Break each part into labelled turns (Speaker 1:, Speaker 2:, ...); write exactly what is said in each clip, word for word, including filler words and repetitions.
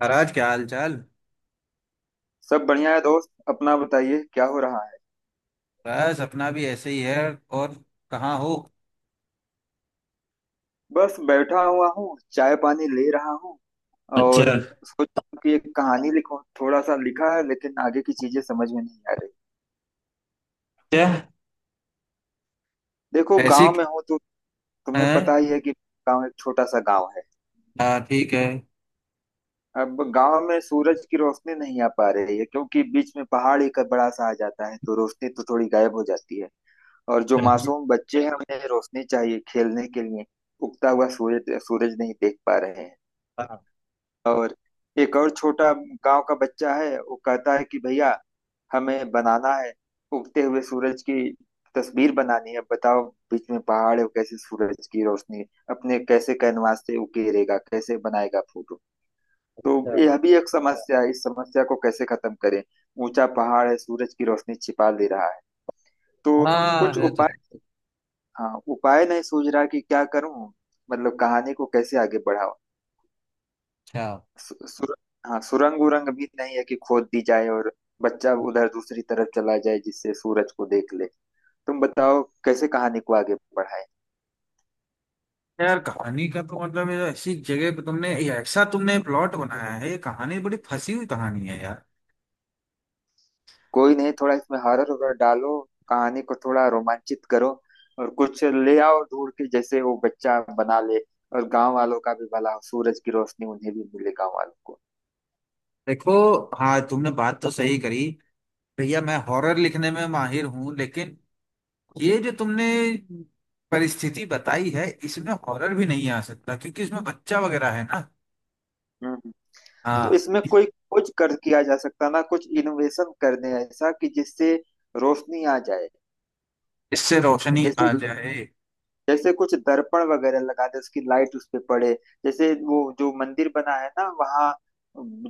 Speaker 1: महाराज, क्या हाल चाल।
Speaker 2: सब बढ़िया है दोस्त। अपना बताइए, क्या हो रहा है?
Speaker 1: बस अपना भी ऐसे ही है। और कहाँ हो?
Speaker 2: बस बैठा हुआ हूँ, चाय पानी ले रहा हूँ। और
Speaker 1: अच्छा।
Speaker 2: सोच रहा हूं कि एक कहानी लिखूं। थोड़ा सा लिखा है लेकिन आगे की चीजें समझ में नहीं आ रही।
Speaker 1: क्या?
Speaker 2: देखो,
Speaker 1: ऐसी।
Speaker 2: गांव में हूँ तो तुम्हें
Speaker 1: है।
Speaker 2: पता ही है कि गांव एक छोटा सा गांव है।
Speaker 1: हाँ, ठीक है।
Speaker 2: अब गांव में सूरज की रोशनी नहीं आ पा रही है क्योंकि बीच में पहाड़ एक बड़ा सा आ जाता है, तो रोशनी तो थोड़ी गायब हो जाती है। और जो
Speaker 1: अच्छा।
Speaker 2: मासूम बच्चे हैं उन्हें रोशनी चाहिए खेलने के लिए। उगता हुआ सूरज सूरज नहीं देख पा रहे हैं। और एक और छोटा गांव का बच्चा है, वो कहता है कि भैया हमें बनाना है, उगते हुए सूरज की तस्वीर बनानी है। बताओ, बीच में पहाड़ है, वो कैसे सूरज की रोशनी अपने कैसे कैनवास से उकेरेगा, कैसे बनाएगा फोटो। तो
Speaker 1: अच्छा।
Speaker 2: यह भी एक समस्या है, इस समस्या को कैसे खत्म करें। ऊंचा पहाड़ है, सूरज की रोशनी छिपा दे रहा है। तो
Speaker 1: हाँ,
Speaker 2: कुछ
Speaker 1: है तो।
Speaker 2: उपाय। हाँ, उपाय नहीं सूझ रहा कि क्या करूं। मतलब कहानी को कैसे आगे बढ़ाऊं।
Speaker 1: अच्छा।
Speaker 2: सु, सुर, हाँ, सुरंग उरंग भी नहीं है कि खोद दी जाए और बच्चा उधर दूसरी तरफ चला जाए जिससे सूरज को देख ले। तुम बताओ कैसे कहानी को आगे बढ़ाए।
Speaker 1: यार, कहानी का तो मतलब है, ऐसी जगह पे तुमने ये ऐसा तुमने प्लॉट बनाया है, ये कहानी बड़ी फंसी हुई कहानी है यार।
Speaker 2: कोई नहीं, थोड़ा इसमें हॉरर वगैरह डालो, कहानी को थोड़ा रोमांचित करो, और कुछ ले आओ ढूंढ के, जैसे वो बच्चा बना ले और गांव वालों का भी भला हो, सूरज की रोशनी उन्हें भी मिले, गांव वालों को।
Speaker 1: देखो। हाँ, तुमने बात तो सही करी। भैया, मैं हॉरर लिखने में माहिर हूँ, लेकिन ये जो तुमने परिस्थिति बताई है, इसमें हॉरर भी नहीं आ सकता क्योंकि इसमें बच्चा वगैरह है ना।
Speaker 2: हम्म। तो
Speaker 1: हाँ।
Speaker 2: इसमें कोई कुछ कर किया जा सकता ना, कुछ इनोवेशन कर दें ऐसा कि जिससे रोशनी आ जाए।
Speaker 1: इससे रोशनी
Speaker 2: जैसे,
Speaker 1: आ जाए।
Speaker 2: जैसे कुछ दर्पण वगैरह लगा दे, उसकी लाइट उस पे पड़े। जैसे वो जो मंदिर बना है ना, वहाँ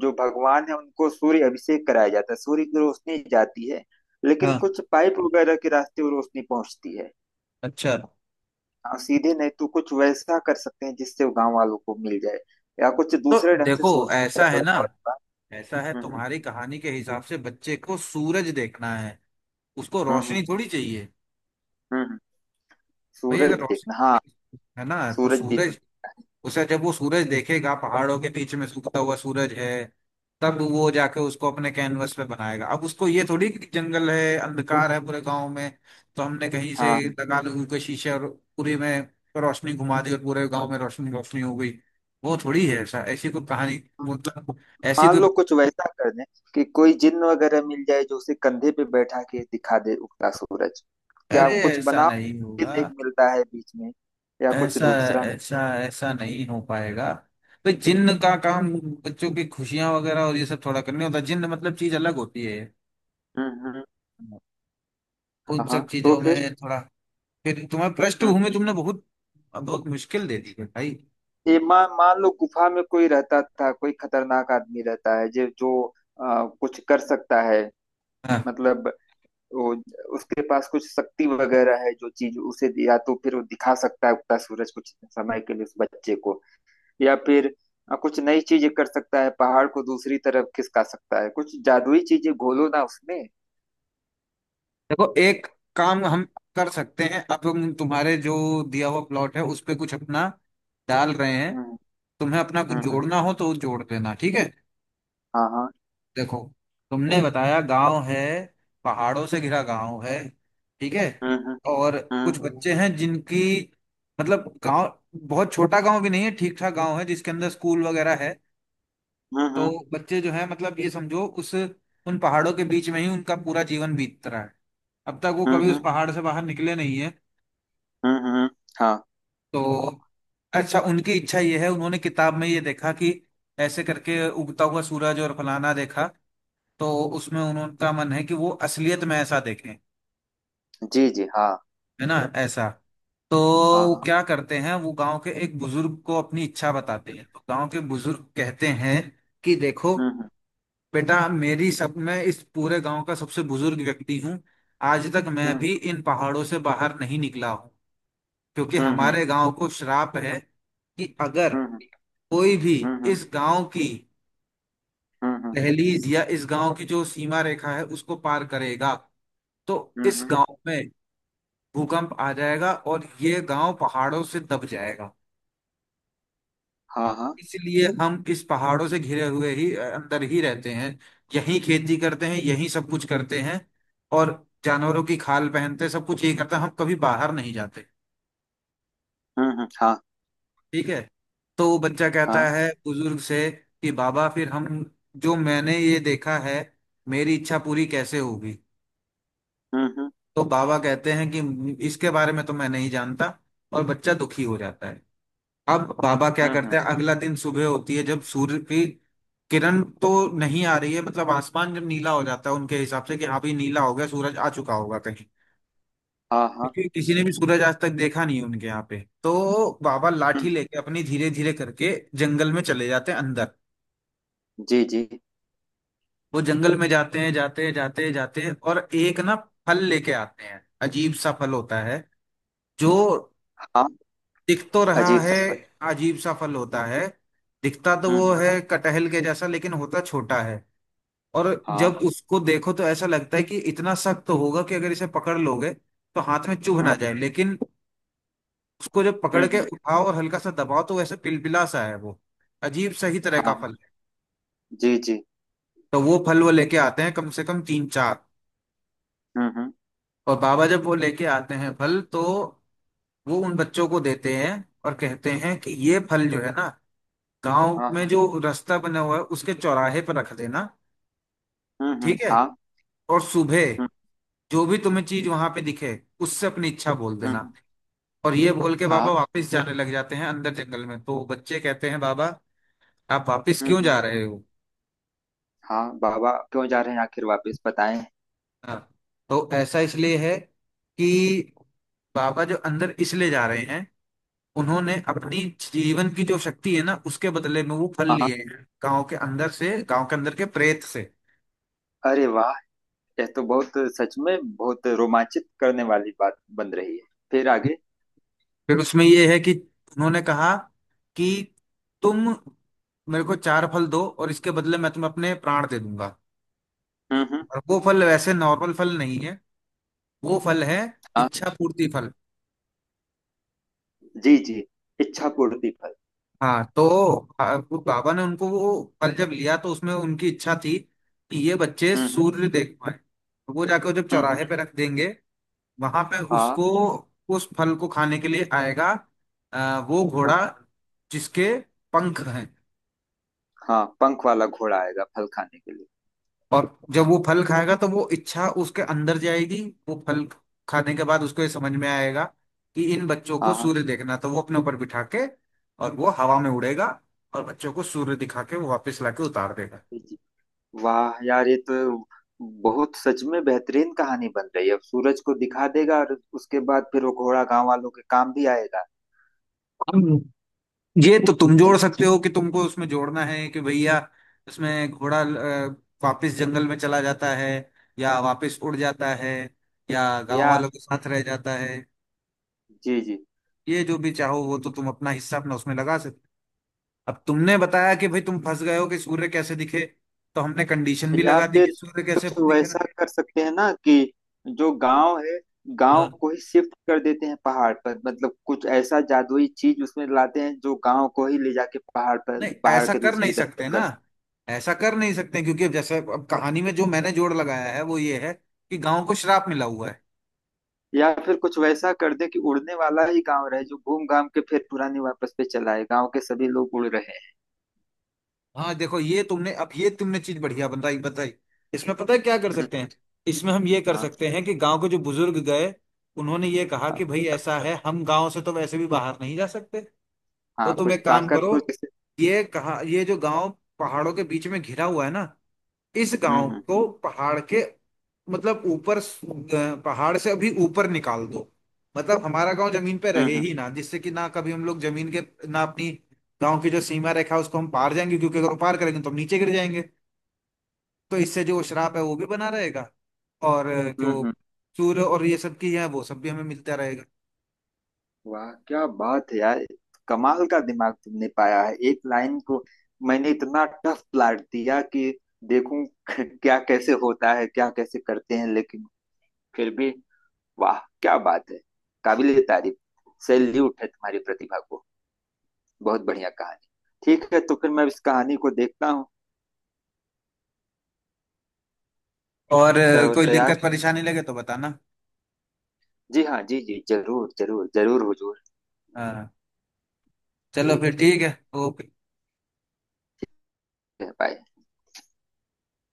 Speaker 2: जो भगवान है उनको सूर्य अभिषेक कराया जाता है, सूर्य की रोशनी जाती है लेकिन
Speaker 1: हाँ।
Speaker 2: कुछ पाइप वगैरह के रास्ते वो रोशनी पहुंचती है।
Speaker 1: अच्छा।
Speaker 2: हाँ, सीधे नहीं तो कुछ वैसा कर सकते हैं जिससे वो गांव वालों को मिल जाए। या कुछ
Speaker 1: तो
Speaker 2: दूसरे ढंग से
Speaker 1: देखो,
Speaker 2: सोच के
Speaker 1: ऐसा
Speaker 2: मेरा
Speaker 1: है ना।
Speaker 2: बताओ इस बार।
Speaker 1: ऐसा है,
Speaker 2: हम्म।
Speaker 1: तुम्हारी कहानी के हिसाब से बच्चे को सूरज देखना है। उसको
Speaker 2: हम्म।
Speaker 1: रोशनी
Speaker 2: हम्म।
Speaker 1: थोड़ी चाहिए।
Speaker 2: हम्म, हम्म।
Speaker 1: भाई,
Speaker 2: सूरज
Speaker 1: अगर
Speaker 2: देखना, हाँ।
Speaker 1: रोशनी है ना तो
Speaker 2: सूरज भी तो।
Speaker 1: सूरज, उसे जब वो सूरज देखेगा, पहाड़ों के बीच में सूखता हुआ सूरज है, तब वो जाके उसको अपने कैनवस पे बनाएगा। अब उसको ये थोड़ी कि जंगल है, अंधकार है पूरे गांव में। तो हमने कहीं से
Speaker 2: हाँ,
Speaker 1: लगा लगू के शीशे, और पूरे में रोशनी घुमा दी, और पूरे गांव में रोशनी रोशनी हो गई। वो थोड़ी है ऐसा, ऐसी कोई कहानी, मतलब ऐसी
Speaker 2: मान
Speaker 1: कोई।
Speaker 2: लो कुछ वैसा कर दें कि कोई जिन्न वगैरह मिल जाए जो उसे कंधे पे बैठा के दिखा दे उगता सूरज। क्या
Speaker 1: अरे,
Speaker 2: कुछ
Speaker 1: ऐसा
Speaker 2: बनाओ।
Speaker 1: नहीं होगा।
Speaker 2: जिन्न एक मिलता है बीच में, या कुछ
Speaker 1: ऐसा
Speaker 2: दूसरा।
Speaker 1: ऐसा ऐसा नहीं हो पाएगा। तो जिन्न
Speaker 2: हम्म।
Speaker 1: का काम बच्चों की खुशियां वगैरह और ये सब थोड़ा करने होता है। जिन्न मतलब चीज अलग होती है।
Speaker 2: हम्म।
Speaker 1: उन
Speaker 2: हाँ
Speaker 1: सब
Speaker 2: हाँ, तो
Speaker 1: चीजों
Speaker 2: फिर।
Speaker 1: में थोड़ा। फिर तुम्हें
Speaker 2: हम्म।
Speaker 1: पृष्ठभूमि तुमने बहुत बहुत मुश्किल दे दी है भाई।
Speaker 2: ये मान मान लो गुफा में कोई रहता था, कोई खतरनाक आदमी रहता है जो जो आ, कुछ कर सकता है।
Speaker 1: हाँ
Speaker 2: मतलब वो, उसके पास कुछ शक्ति वगैरह है जो चीज उसे, या तो फिर वो दिखा सकता है उगता सूरज कुछ समय के लिए उस बच्चे को। या फिर अ, कुछ नई चीजें कर सकता है, पहाड़ को दूसरी तरफ खिसका सकता है, कुछ जादुई चीजें घोलो ना उसमें।
Speaker 1: देखो, एक काम हम कर सकते हैं। अब हम तुम्हारे जो दिया हुआ प्लॉट है, उस पे कुछ अपना डाल रहे हैं।
Speaker 2: हम्म।
Speaker 1: तुम्हें अपना कुछ
Speaker 2: हम्म। हम्म,
Speaker 1: जोड़ना हो तो जोड़ देना, ठीक है।
Speaker 2: हाँ हाँ।
Speaker 1: देखो, तुमने बताया गांव है, पहाड़ों से घिरा गांव है, ठीक है।
Speaker 2: हम्म। हम्म।
Speaker 1: और कुछ
Speaker 2: हम्म।
Speaker 1: बच्चे हैं जिनकी, मतलब गांव बहुत छोटा गांव भी नहीं है, ठीक ठाक गांव है जिसके अंदर स्कूल वगैरह है। तो
Speaker 2: हम्म।
Speaker 1: बच्चे जो है, मतलब ये समझो, उस उन पहाड़ों के बीच में ही उनका पूरा जीवन बीत रहा है। अब तक वो
Speaker 2: हम्म।
Speaker 1: कभी उस
Speaker 2: हम्म।
Speaker 1: पहाड़ से बाहर निकले नहीं है।
Speaker 2: हम्म। हम्म, हाँ।
Speaker 1: तो अच्छा, उनकी इच्छा ये है, उन्होंने किताब में ये देखा कि ऐसे करके उगता हुआ सूरज और फलाना देखा। तो उसमें उनका मन है कि वो असलियत में ऐसा देखें।
Speaker 2: जी जी हाँ।
Speaker 1: है ना ऐसा। तो
Speaker 2: हाँ
Speaker 1: वो
Speaker 2: हाँ।
Speaker 1: क्या करते हैं, वो गांव के एक बुजुर्ग को अपनी इच्छा बताते हैं, तो गांव के बुजुर्ग कहते हैं कि देखो
Speaker 2: हम्म।
Speaker 1: बेटा, मेरी सब मैं इस पूरे गांव का सबसे बुजुर्ग व्यक्ति हूँ। आज तक मैं
Speaker 2: हम्म।
Speaker 1: भी इन पहाड़ों से बाहर नहीं निकला हूँ, क्योंकि
Speaker 2: हम्म।
Speaker 1: हमारे गांव को श्राप है कि अगर
Speaker 2: हम्म।
Speaker 1: कोई भी
Speaker 2: हम्म। हम्म। हम्म।
Speaker 1: इस गांव की
Speaker 2: हम्म। हम्म। हम्म,
Speaker 1: दहलीज या इस गांव की जो सीमा रेखा है उसको पार करेगा, तो
Speaker 2: हम्म, हम्म,
Speaker 1: इस
Speaker 2: हम्म।
Speaker 1: गांव में भूकंप आ जाएगा और ये गांव पहाड़ों से दब जाएगा।
Speaker 2: हाँ हाँ।
Speaker 1: इसलिए हम इस पहाड़ों से घिरे हुए ही अ, अंदर ही रहते हैं। यहीं खेती करते हैं, यहीं सब कुछ करते हैं, और जानवरों की खाल पहनते हैं, सब कुछ यही करते हैं, हम कभी बाहर नहीं जाते।
Speaker 2: हम्म हम्म हाँ।
Speaker 1: ठीक है। तो वो बच्चा कहता
Speaker 2: हाँ।
Speaker 1: है बुजुर्ग से कि बाबा, फिर हम, जो मैंने ये देखा है, मेरी इच्छा पूरी कैसे होगी?
Speaker 2: हम्म। हम्म।
Speaker 1: तो बाबा कहते हैं कि इसके बारे में तो मैं नहीं जानता। और बच्चा दुखी हो जाता है। अब बाबा क्या
Speaker 2: हम्म। हम्म,
Speaker 1: करते हैं, अगला दिन सुबह होती है, जब सूर्य की किरण तो नहीं आ रही है, मतलब आसमान जब नीला हो जाता है, उनके हिसाब से कि हाँ भाई नीला हो गया, सूरज आ चुका होगा कहीं,
Speaker 2: हाँ। हाँ।
Speaker 1: क्योंकि किसी ने भी सूरज आज तक देखा नहीं है उनके यहाँ पे, तो बाबा लाठी
Speaker 2: हम्म।
Speaker 1: लेके अपनी धीरे धीरे करके जंगल में चले जाते हैं अंदर।
Speaker 2: जी जी।
Speaker 1: वो जंगल में जाते हैं, जाते हैं, जाते हैं, जाते हैं, और एक ना फल लेके आते हैं, अजीब सा फल होता है, जो
Speaker 2: हाँ।
Speaker 1: दिख तो रहा
Speaker 2: अजीब
Speaker 1: है,
Speaker 2: सा, पर।
Speaker 1: अजीब सा फल होता है। दिखता तो
Speaker 2: हम्म।
Speaker 1: वो
Speaker 2: हम्म,
Speaker 1: है कटहल के जैसा, लेकिन होता छोटा है। और जब
Speaker 2: हाँ।
Speaker 1: उसको देखो तो ऐसा लगता है कि इतना सख्त तो होगा कि अगर इसे पकड़ लोगे तो हाथ में चुभ ना
Speaker 2: हम्म।
Speaker 1: जाए, लेकिन उसको जब
Speaker 2: हम्म।
Speaker 1: पकड़ के
Speaker 2: हम्म,
Speaker 1: उठाओ और हल्का सा दबाओ तो वैसे पिलपिला सा है वो। अजीब सही तरह का
Speaker 2: हाँ।
Speaker 1: फल है।
Speaker 2: जी जी।
Speaker 1: तो वो फल वो लेके आते हैं कम से कम तीन चार।
Speaker 2: हम्म। हम्म।
Speaker 1: और बाबा जब वो लेके आते हैं फल, तो वो उन बच्चों को देते हैं, और कहते हैं कि ये फल जो है ना, गांव
Speaker 2: हाँ
Speaker 1: में
Speaker 2: हाँ।
Speaker 1: जो रास्ता बना हुआ है उसके चौराहे पर रख देना,
Speaker 2: हम्म हम्म।
Speaker 1: ठीक है।
Speaker 2: हाँ।
Speaker 1: और सुबह
Speaker 2: हम्म।
Speaker 1: जो भी तुम्हें चीज वहां पे दिखे, उससे अपनी इच्छा बोल
Speaker 2: हम्म,
Speaker 1: देना। और ये बोल के
Speaker 2: हाँ।
Speaker 1: बाबा वापस जाने लग जाते हैं अंदर जंगल में, तो बच्चे कहते हैं, बाबा आप वापस
Speaker 2: हम्म, हम्म,
Speaker 1: क्यों जा रहे हो?
Speaker 2: हाँ बाबा क्यों जा रहे हैं आखिर, वापस बताएं।
Speaker 1: हाँ। तो ऐसा इसलिए है कि बाबा जो अंदर इसलिए जा रहे हैं, उन्होंने अपनी जीवन की जो शक्ति है ना, उसके बदले में वो फल
Speaker 2: हाँ।
Speaker 1: लिए हैं, गांव के अंदर से, गांव के अंदर के प्रेत से।
Speaker 2: अरे वाह, यह तो बहुत, सच में बहुत रोमांचित करने वाली बात बन रही है। फिर आगे?
Speaker 1: फिर उसमें ये है कि उन्होंने कहा कि तुम मेरे को चार फल दो, और इसके बदले मैं तुम्हें अपने प्राण दे दूंगा।
Speaker 2: हम्म हम्म।
Speaker 1: और वो फल वैसे नॉर्मल फल नहीं है, वो फल है
Speaker 2: हाँ।
Speaker 1: इच्छा पूर्ति फल।
Speaker 2: जी जी। इच्छा पूर्ति फल।
Speaker 1: हाँ तो आ, वो बाबा ने उनको वो फल जब लिया, तो उसमें उनकी इच्छा थी कि ये बच्चे
Speaker 2: हम्म। हम्म।
Speaker 1: सूर्य देख पाए, तो वो जाकर जब
Speaker 2: हम्म, हम्म,
Speaker 1: चौराहे पे रख देंगे वहां पे,
Speaker 2: हाँ।
Speaker 1: उसको उस फल को खाने के लिए आएगा, आ, वो
Speaker 2: हाँ।
Speaker 1: घोड़ा जिसके पंख हैं।
Speaker 2: हाँ, पंख वाला घोड़ा आएगा फल खाने के लिए।
Speaker 1: और जब वो फल खाएगा तो वो इच्छा उसके अंदर जाएगी। वो फल खाने के बाद उसको ये समझ में आएगा कि इन बच्चों को
Speaker 2: हाँ हाँ।
Speaker 1: सूर्य देखना, तो वो अपने ऊपर बिठा के, और वो हवा में उड़ेगा, और बच्चों को सूर्य दिखा के वो वापस लाके उतार देगा।
Speaker 2: जी जी। वाह यार, ये तो बहुत, सच में बेहतरीन कहानी बन रही है। अब सूरज को दिखा देगा और उसके बाद फिर वो घोड़ा गांव वालों के काम भी आएगा।
Speaker 1: ये तो तुम
Speaker 2: जी।
Speaker 1: जोड़ सकते हो कि तुमको उसमें जोड़ना है कि भैया, उसमें घोड़ा अ, वापस जंगल में चला जाता है, या वापस उड़ जाता है, या गांव
Speaker 2: या।
Speaker 1: वालों के साथ रह जाता है,
Speaker 2: जी जी।
Speaker 1: ये जो भी चाहो, वो तो तुम अपना हिस्सा अपना उसमें लगा सकते हो। अब तुमने बताया कि भाई तुम फंस गए हो कि सूर्य कैसे दिखे, तो हमने कंडीशन भी
Speaker 2: या
Speaker 1: लगा दी कि
Speaker 2: फिर
Speaker 1: सूर्य कैसे
Speaker 2: कुछ
Speaker 1: दिखे ना।
Speaker 2: वैसा कर सकते हैं ना कि जो गांव है, गांव
Speaker 1: हाँ,
Speaker 2: को ही शिफ्ट कर देते हैं पहाड़ पर, मतलब कुछ ऐसा जादुई चीज उसमें लाते हैं जो गांव को ही ले जाके पहाड़ पर,
Speaker 1: नहीं,
Speaker 2: पहाड़
Speaker 1: ऐसा
Speaker 2: के
Speaker 1: कर नहीं
Speaker 2: दूसरी तरफ
Speaker 1: सकते ना,
Speaker 2: कर सकते।
Speaker 1: ऐसा कर नहीं सकते क्योंकि अब जैसे, अब कहानी में जो मैंने जोड़ लगाया है वो ये है कि गांव को श्राप मिला हुआ है।
Speaker 2: या फिर कुछ वैसा कर दे कि उड़ने वाला ही गांव रहे, जो घूम घाम के फिर पुरानी वापस पे चला है, गांव के सभी लोग उड़ रहे हैं।
Speaker 1: हाँ देखो, ये तुमने अब ये तुमने चीज बढ़िया बताई बताई। इसमें पता है क्या कर
Speaker 2: हम्म,
Speaker 1: सकते हैं। इसमें हम ये कर
Speaker 2: हाँ
Speaker 1: सकते हैं कि गांव के जो बुजुर्ग गए, उन्होंने ये कहा कि
Speaker 2: हाँ।
Speaker 1: भाई ऐसा है, हम गांव से तो वैसे भी बाहर नहीं जा सकते। तो
Speaker 2: हाँ,
Speaker 1: तुम
Speaker 2: कुछ
Speaker 1: एक काम
Speaker 2: ताकत
Speaker 1: करो,
Speaker 2: हो जैसे।
Speaker 1: ये कहा, ये जो गांव पहाड़ों के बीच में घिरा हुआ है ना, इस
Speaker 2: हम्म।
Speaker 1: गांव
Speaker 2: हम्म।
Speaker 1: को पहाड़ के मतलब ऊपर अ, पहाड़ से अभी ऊपर निकाल दो। मतलब हमारा गांव जमीन पे रहे
Speaker 2: हम्म।
Speaker 1: ही ना, जिससे कि ना कभी हम लोग जमीन के, ना अपनी गांव की जो सीमा रेखा है उसको हम पार जाएंगे, क्योंकि अगर वो पार करेंगे तो हम नीचे गिर जाएंगे। तो इससे जो श्राप है वो भी बना रहेगा, और अ,
Speaker 2: हम्म।
Speaker 1: जो
Speaker 2: हम्म।
Speaker 1: सूर्य और ये सब की है वो सब भी हमें मिलता रहेगा।
Speaker 2: वाह क्या बात है यार, कमाल का दिमाग तुमने पाया है। एक लाइन को मैंने इतना टफ प्लाट दिया कि देखूं क्या कैसे होता है, क्या कैसे करते हैं, लेकिन फिर भी, वाह क्या बात है। ए तारीफ। सैल्यूट है तुम्हारी प्रतिभा को। बहुत बढ़िया कहानी। ठीक है, तो फिर मैं इस कहानी को देखता हूँ।
Speaker 1: और अ,
Speaker 2: तब
Speaker 1: कोई
Speaker 2: तैयार।
Speaker 1: दिक्कत परेशानी लगे तो बताना।
Speaker 2: जी हाँ, जी जी, जरूर जरूर जरूर हुजूर।
Speaker 1: हाँ, चलो
Speaker 2: जी।
Speaker 1: फिर, ठीक है, ओके।
Speaker 2: बाय।